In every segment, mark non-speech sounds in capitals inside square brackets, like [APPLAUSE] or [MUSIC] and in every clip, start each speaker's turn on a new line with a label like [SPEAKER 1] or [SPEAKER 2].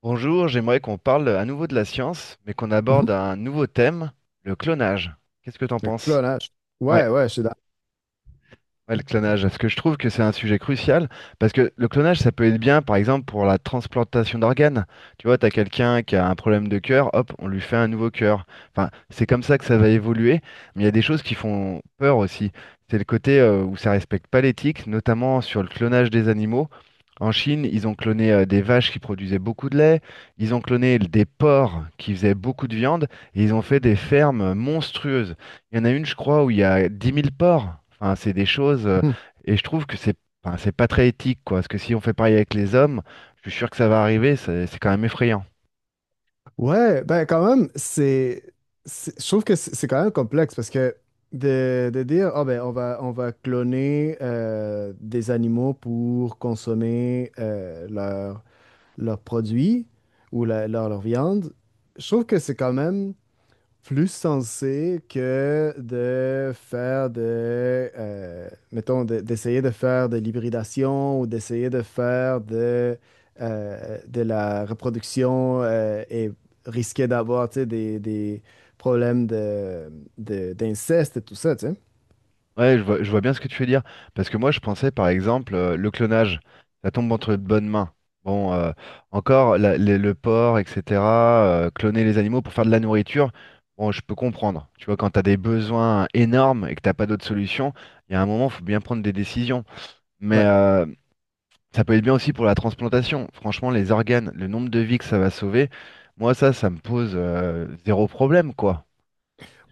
[SPEAKER 1] Bonjour, j'aimerais qu'on parle à nouveau de la science, mais qu'on
[SPEAKER 2] Mhm.
[SPEAKER 1] aborde un nouveau thème, le clonage. Qu'est-ce que t'en
[SPEAKER 2] Le
[SPEAKER 1] penses?
[SPEAKER 2] clonage. Ouais, ouais, je suis d'accord.
[SPEAKER 1] Ouais, le clonage, parce que je trouve que c'est un sujet crucial, parce que le clonage, ça peut être bien, par exemple, pour la transplantation d'organes. Tu vois, tu as quelqu'un qui a un problème de cœur, hop, on lui fait un nouveau cœur. Enfin, c'est comme ça que ça va évoluer, mais il y a des choses qui font peur aussi. C'est le côté où ça respecte pas l'éthique, notamment sur le clonage des animaux. En Chine, ils ont cloné des vaches qui produisaient beaucoup de lait, ils ont cloné des porcs qui faisaient beaucoup de viande, et ils ont fait des fermes monstrueuses. Il y en a une, je crois, où il y a 10 000 porcs. Enfin, c'est des choses,
[SPEAKER 2] Mhm.
[SPEAKER 1] et je trouve que c'est, enfin, c'est pas très éthique, quoi. Parce que si on fait pareil avec les hommes, je suis sûr que ça va arriver. C'est quand même effrayant.
[SPEAKER 2] Ouais, ben quand même, je trouve que c'est quand même complexe parce que de dire, ah ben on va cloner des animaux pour consommer leurs produits ou leur viande, je trouve que c'est quand même plus sensé que de faire mettons, d'essayer de faire de l'hybridation ou d'essayer de faire de la reproduction et risquer d'avoir, tu sais, des problèmes d'inceste et tout ça, tu sais.
[SPEAKER 1] Ouais, je vois bien ce que tu veux dire. Parce que moi, je pensais, par exemple, le clonage. Ça tombe entre de bonnes mains. Bon, encore, le porc, etc. Cloner les animaux pour faire de la nourriture. Bon, je peux comprendre. Tu vois, quand tu as des besoins énormes et que t'as pas d'autre solution, il y a un moment, faut bien prendre des décisions. Mais,
[SPEAKER 2] Ouais.
[SPEAKER 1] ça peut être bien aussi pour la transplantation. Franchement, les organes, le nombre de vies que ça va sauver, moi, ça me pose zéro problème, quoi.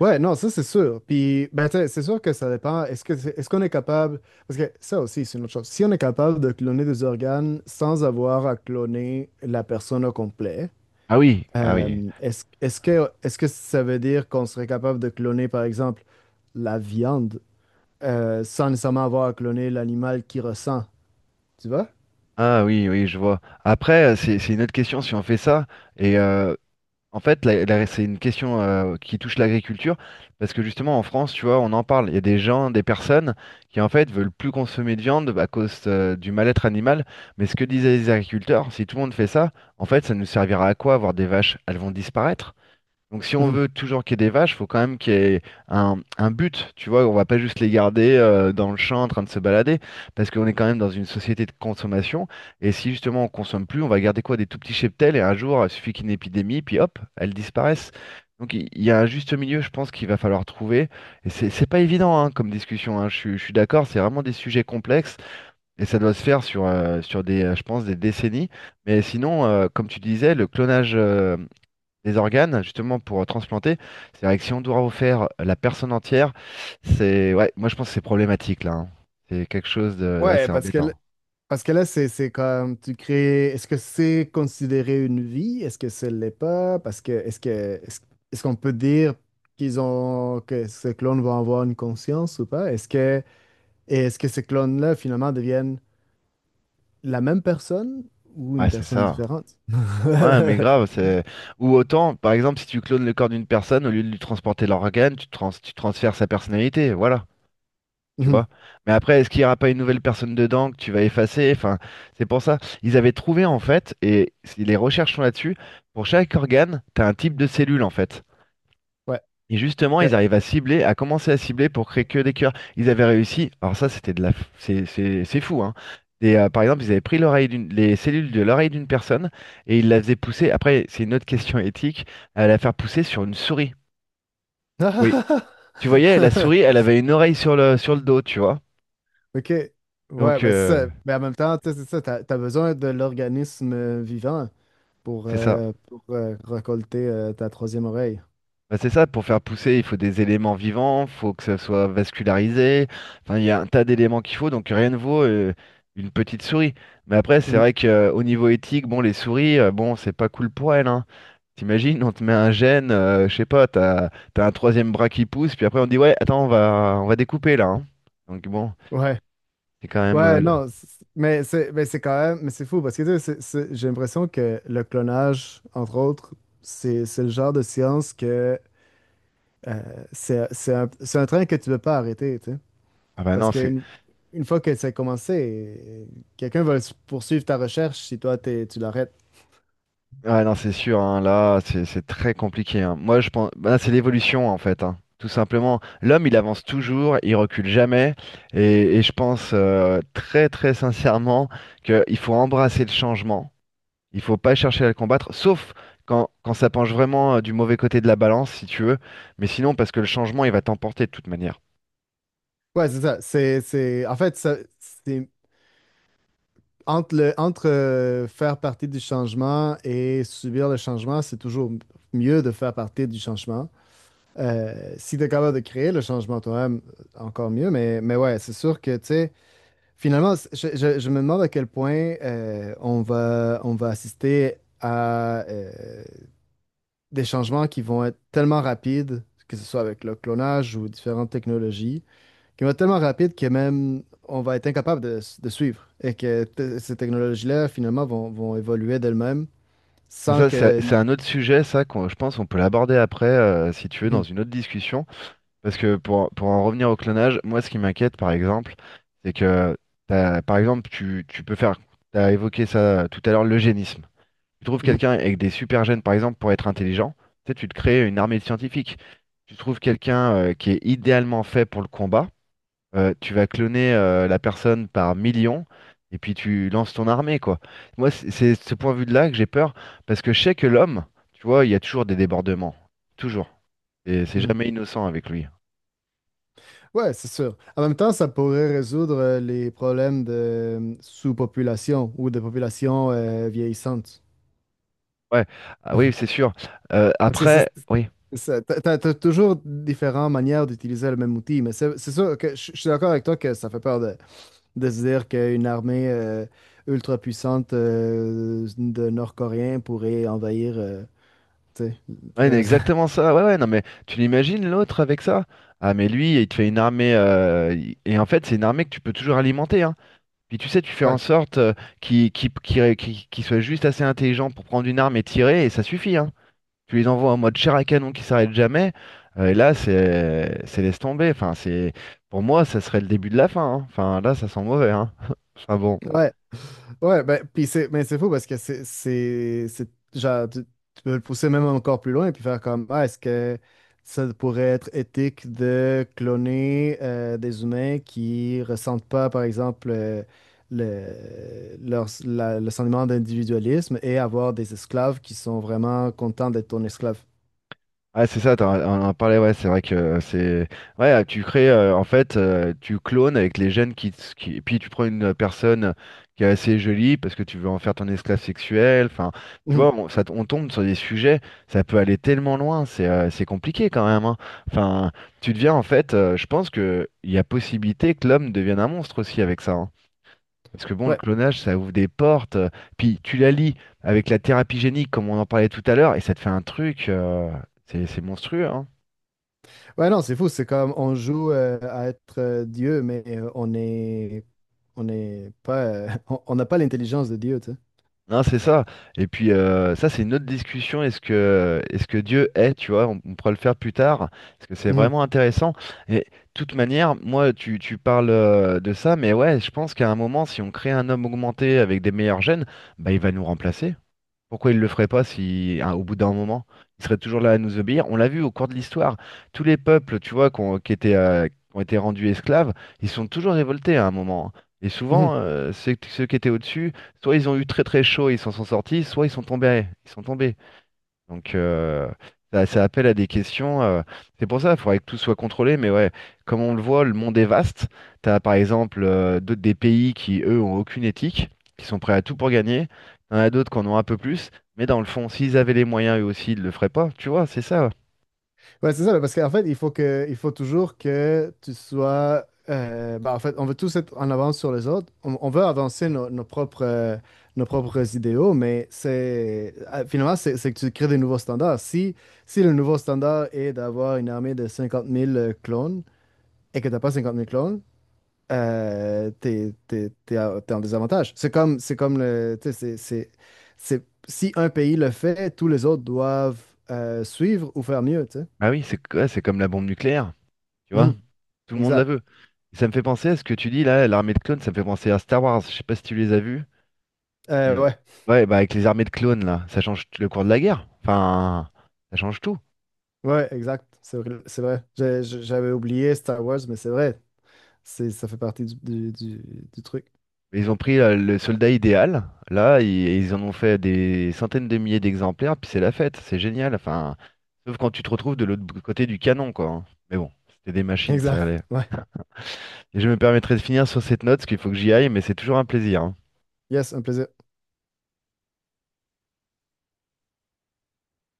[SPEAKER 2] Ouais, non, ça c'est sûr. Puis, ben, tu sais, c'est sûr que ça dépend. Est-ce qu'on est capable, parce que ça aussi, c'est une autre chose. Si on est capable de cloner des organes sans avoir à cloner la personne au complet.
[SPEAKER 1] Ah oui, ah oui.
[SPEAKER 2] Est-ce que ça veut dire qu'on serait capable de cloner, par exemple, la viande sans nécessairement avoir à cloner l'animal qui ressent, tu vois?
[SPEAKER 1] Ah oui, oui, je vois. Après, c'est une autre question si on fait ça. Et en fait, c'est une question qui touche l'agriculture. Parce que justement, en France, tu vois, on en parle. Il y a des gens, des personnes qui, en fait, veulent plus consommer de viande à cause du mal-être animal. Mais ce que disaient les agriculteurs, si tout le monde fait ça, en fait, ça nous servira à quoi avoir des vaches? Elles vont disparaître. Donc si on
[SPEAKER 2] Mhm.
[SPEAKER 1] veut
[SPEAKER 2] [LAUGHS]
[SPEAKER 1] toujours qu'il y ait des vaches, il faut quand même qu'il y ait un but, tu vois, on va pas juste les garder dans le champ en train de se balader, parce qu'on est quand même dans une société de consommation, et si justement on consomme plus, on va garder quoi? Des tout petits cheptels, et un jour, il suffit qu'il y ait une épidémie, puis hop, elles disparaissent. Donc il y a un juste milieu, je pense, qu'il va falloir trouver, et c'est pas évident, hein, comme discussion, hein. Je suis d'accord, c'est vraiment des sujets complexes, et ça doit se faire sur des, je pense, des décennies, mais sinon, comme tu disais, le clonage, des organes, justement, pour transplanter. C'est vrai que si on doit refaire la personne entière, c'est. Ouais, moi, je pense que c'est problématique, là, hein. C'est quelque chose de. Là,
[SPEAKER 2] Ouais,
[SPEAKER 1] c'est
[SPEAKER 2] parce que,
[SPEAKER 1] embêtant.
[SPEAKER 2] parce que là, c'est comme tu crées. Est-ce que c'est considéré une vie? Est-ce que ce l'est pas? Parce que est-ce, est-ce qu'on peut dire qu'ils ont que ces clones vont avoir une conscience ou pas? Est-ce que ces clones-là finalement deviennent la même personne ou une
[SPEAKER 1] Ouais, c'est
[SPEAKER 2] personne
[SPEAKER 1] ça.
[SPEAKER 2] différente?
[SPEAKER 1] Ouais,
[SPEAKER 2] [LAUGHS]
[SPEAKER 1] mais grave, c'est. Ou autant, par exemple, si tu clones le corps d'une personne, au lieu de lui transporter l'organe, tu transfères sa personnalité, voilà. Tu vois? Mais après, est-ce qu'il n'y aura pas une nouvelle personne dedans que tu vas effacer? Enfin, c'est pour ça. Ils avaient trouvé, en fait, et si les recherches sont là-dessus, pour chaque organe, tu as un type de cellule, en fait.
[SPEAKER 2] Ouais,
[SPEAKER 1] Et justement,
[SPEAKER 2] ok.
[SPEAKER 1] ils arrivent à cibler, à commencer à cibler pour créer que des cœurs. Ils avaient réussi. Alors ça, c'était de la, f- c'est fou, hein. Par exemple, ils avaient pris les cellules de l'oreille d'une personne et ils la faisaient pousser. Après, c'est une autre question éthique, à la faire pousser sur une souris. Oui.
[SPEAKER 2] [LAUGHS]
[SPEAKER 1] Tu voyais, la souris, elle avait une oreille sur le dos, tu vois.
[SPEAKER 2] Ok, ouais,
[SPEAKER 1] Donc
[SPEAKER 2] ben c'est ça. Mais en même temps, tu sais, c'est ça, t'as besoin de l'organisme vivant
[SPEAKER 1] c'est ça.
[SPEAKER 2] pour récolter ta troisième oreille.
[SPEAKER 1] Bah, c'est ça, pour faire pousser, il faut des éléments vivants, il faut que ça soit vascularisé. Enfin, il y a un tas d'éléments qu'il faut, donc rien ne vaut une petite souris. Mais après, c'est
[SPEAKER 2] Mhm.
[SPEAKER 1] vrai qu'au niveau éthique, bon, les souris, bon, c'est pas cool pour elles, hein. T'imagines, on te met un gène, je sais pas, t'as un troisième bras qui pousse, puis après on dit ouais, attends, on va découper là, hein. Donc bon,
[SPEAKER 2] Ouais,
[SPEAKER 1] c'est quand même. euh,
[SPEAKER 2] ouais,
[SPEAKER 1] le-
[SPEAKER 2] non, mais c'est quand même, mais c'est fou parce que tu sais, j'ai l'impression que le clonage, entre autres, c'est le genre de science que c'est un train que tu ne peux pas arrêter, tu sais.
[SPEAKER 1] Ah, bah,
[SPEAKER 2] Parce
[SPEAKER 1] non, c'est.
[SPEAKER 2] qu'une une fois que ça a commencé, quelqu'un va poursuivre ta recherche si tu l'arrêtes.
[SPEAKER 1] Ouais, non, c'est sûr, hein, là, c'est très compliqué, hein. Moi, je pense, bah, c'est l'évolution, en fait, hein, tout simplement. L'homme, il avance toujours, il recule jamais, et je pense très, très sincèrement qu'il faut embrasser le changement. Il faut pas chercher à le combattre, sauf quand ça penche vraiment du mauvais côté de la balance, si tu veux. Mais sinon, parce que le changement, il va t'emporter de toute manière.
[SPEAKER 2] Ouais, c'est ça. En fait, ça, c'est entre faire partie du changement et subir le changement, c'est toujours mieux de faire partie du changement. Si tu es capable de créer le changement toi-même, encore mieux. Mais ouais, c'est sûr que, tu sais, finalement, je me demande à quel point on va assister à des changements qui vont être tellement rapides, que ce soit avec le clonage ou différentes technologies, qui vont être tellement rapides que même on va être incapable de suivre et que ces technologies-là, finalement, vont évoluer d'elles-mêmes sans
[SPEAKER 1] Ça, c'est
[SPEAKER 2] que...
[SPEAKER 1] c'est un autre sujet, ça, je pense qu'on peut l'aborder après, si tu veux, dans
[SPEAKER 2] Mhm,
[SPEAKER 1] une autre discussion. Parce que pour en revenir au clonage, moi ce qui m'inquiète par exemple, c'est que par exemple tu peux faire, tu as évoqué ça tout à l'heure, l'eugénisme. Tu trouves
[SPEAKER 2] mhm,
[SPEAKER 1] quelqu'un avec des super gènes par exemple pour être intelligent, tu sais, tu te crées une armée de scientifiques. Tu trouves quelqu'un qui est idéalement fait pour le combat, tu vas cloner la personne par millions et puis tu lances ton armée quoi. Moi c'est ce point de vue-là que j'ai peur parce que je sais que l'homme, tu vois, il y a toujours des débordements. Toujours. Et c'est
[SPEAKER 2] mhm.
[SPEAKER 1] jamais innocent avec lui.
[SPEAKER 2] Ouais, c'est sûr. En même temps, ça pourrait résoudre les problèmes de sous-population ou de population vieillissante.
[SPEAKER 1] Ouais, ah oui, c'est sûr.
[SPEAKER 2] Parce que c'est
[SPEAKER 1] Après, oui,
[SPEAKER 2] c'est ça. T'as toujours différentes manières d'utiliser le même outil, mais c'est sûr que je suis d'accord avec toi que ça fait peur de se dire qu'une armée ultra puissante de Nord-Coréens pourrait envahir tu sais,
[SPEAKER 1] ouais,
[SPEAKER 2] le
[SPEAKER 1] mais
[SPEAKER 2] reste. [LAUGHS]
[SPEAKER 1] exactement ça. Ouais, ouais, non, mais tu l'imagines l'autre avec ça? Ah, mais lui, il te fait une armée. Et en fait, c'est une armée que tu peux toujours alimenter, hein. Puis tu sais, tu fais en
[SPEAKER 2] Ouais,
[SPEAKER 1] sorte qu'il soit juste assez intelligent pour prendre une arme et tirer, et ça suffit, hein. Tu les envoies en mode chair à canon qui s'arrête jamais. Et là, c'est laisse tomber. Enfin, c'est pour moi, ça serait le début de la fin, hein. Enfin, là, ça sent mauvais, hein. [LAUGHS] Enfin, bon.
[SPEAKER 2] ouais, ouais. Ben, puis c'est, mais c'est fou parce que genre, tu peux le pousser même encore plus loin et puis faire comme, ah, est-ce que ça pourrait être éthique de cloner des humains qui ressentent pas, par exemple, le sentiment d'individualisme et avoir des esclaves qui sont vraiment contents d'être ton esclave.
[SPEAKER 1] Ah, c'est ça, t'en on en parlait, ouais, c'est vrai que c'est. Ouais, tu crées, en fait, tu clones avec les gènes qui. Puis tu prends une personne qui est assez jolie parce que tu veux en faire ton esclave sexuel. Enfin, tu
[SPEAKER 2] Mm.
[SPEAKER 1] vois, on tombe sur des sujets, ça peut aller tellement loin, c'est compliqué quand même, hein. Enfin, tu deviens, en fait, je pense que il y a possibilité que l'homme devienne un monstre aussi avec ça, hein. Parce que bon, le
[SPEAKER 2] Ouais.
[SPEAKER 1] clonage, ça ouvre des portes. Puis tu la lis avec la thérapie génique, comme on en parlait tout à l'heure, et ça te fait un truc. C'est monstrueux, hein.
[SPEAKER 2] Ouais, non, c'est fou. C'est comme on joue à être Dieu, mais on n'est pas [LAUGHS] on n'a pas l'intelligence de Dieu, tu sais.
[SPEAKER 1] Non, c'est ça. Et puis ça, c'est une autre discussion. Est-ce que Dieu est, tu vois, on pourra le faire plus tard, parce que c'est
[SPEAKER 2] Mhm.
[SPEAKER 1] vraiment intéressant. Et de toute manière, moi, tu parles de ça, mais ouais, je pense qu'à un moment, si on crée un homme augmenté avec des meilleurs gènes, bah, il va nous remplacer. Pourquoi il le ferait pas si, hein, au bout d'un moment, il serait toujours là à nous obéir? On l'a vu au cours de l'histoire. Tous les peuples, tu vois, qui ont été rendus esclaves, ils sont toujours révoltés à un moment, hein. Et souvent,
[SPEAKER 2] Mhm.
[SPEAKER 1] ceux qui étaient au-dessus, soit ils ont eu très très chaud et ils s'en sont sortis, soit ils sont tombés. Ils sont tombés. Donc, ça, ça appelle à des questions. C'est pour ça, il faudrait que tout soit contrôlé. Mais ouais, comme on le voit, le monde est vaste. Tu as par exemple d'autres des pays qui, eux, ont aucune éthique, qui sont prêts à tout pour gagner. Il y en a d'autres qui en ont un peu plus. Mais dans le fond, s'ils avaient les moyens, eux aussi, ils le feraient pas. Tu vois, c'est ça.
[SPEAKER 2] Ouais, c'est ça, là, parce qu'en fait, il faut toujours que tu sois bah, en fait, on veut tous être en avance sur les autres. On veut avancer nos propres idéaux, mais c'est finalement c'est que tu crées des nouveaux standards. Si si le nouveau standard est d'avoir une armée de 50 000 clones et que t'as pas 50 000 clones, t'es en désavantage. C'est comme le, tu sais, si un pays le fait, tous les autres doivent suivre ou faire mieux, tu sais.
[SPEAKER 1] Ah oui, c'est ouais, c'est comme la bombe nucléaire. Tu vois,
[SPEAKER 2] Mhm,
[SPEAKER 1] tout le monde la
[SPEAKER 2] exact.
[SPEAKER 1] veut. Ça me fait penser à ce que tu dis là, l'armée de clones, ça me fait penser à Star Wars. Je sais pas si tu les as vus. Mm.
[SPEAKER 2] Ouais,
[SPEAKER 1] Ouais, bah avec les armées de clones là, ça change le cours de la guerre. Enfin, ça change tout.
[SPEAKER 2] ouais, exact. C'est vrai. C'est vrai. J'avais oublié Star Wars, mais c'est vrai. C'est, ça fait partie du truc.
[SPEAKER 1] Mais ils ont pris le soldat idéal, là, et ils en ont fait des centaines de milliers d'exemplaires, puis c'est la fête, c'est génial. Enfin, sauf quand tu te retrouves de l'autre côté du canon, quoi, hein. Mais bon, c'était des machines, ça
[SPEAKER 2] Exact.
[SPEAKER 1] allait.
[SPEAKER 2] Ouais.
[SPEAKER 1] Et je me permettrai de finir sur cette note, parce qu'il faut que j'y aille, mais c'est toujours un plaisir, hein.
[SPEAKER 2] Yes, un plaisir.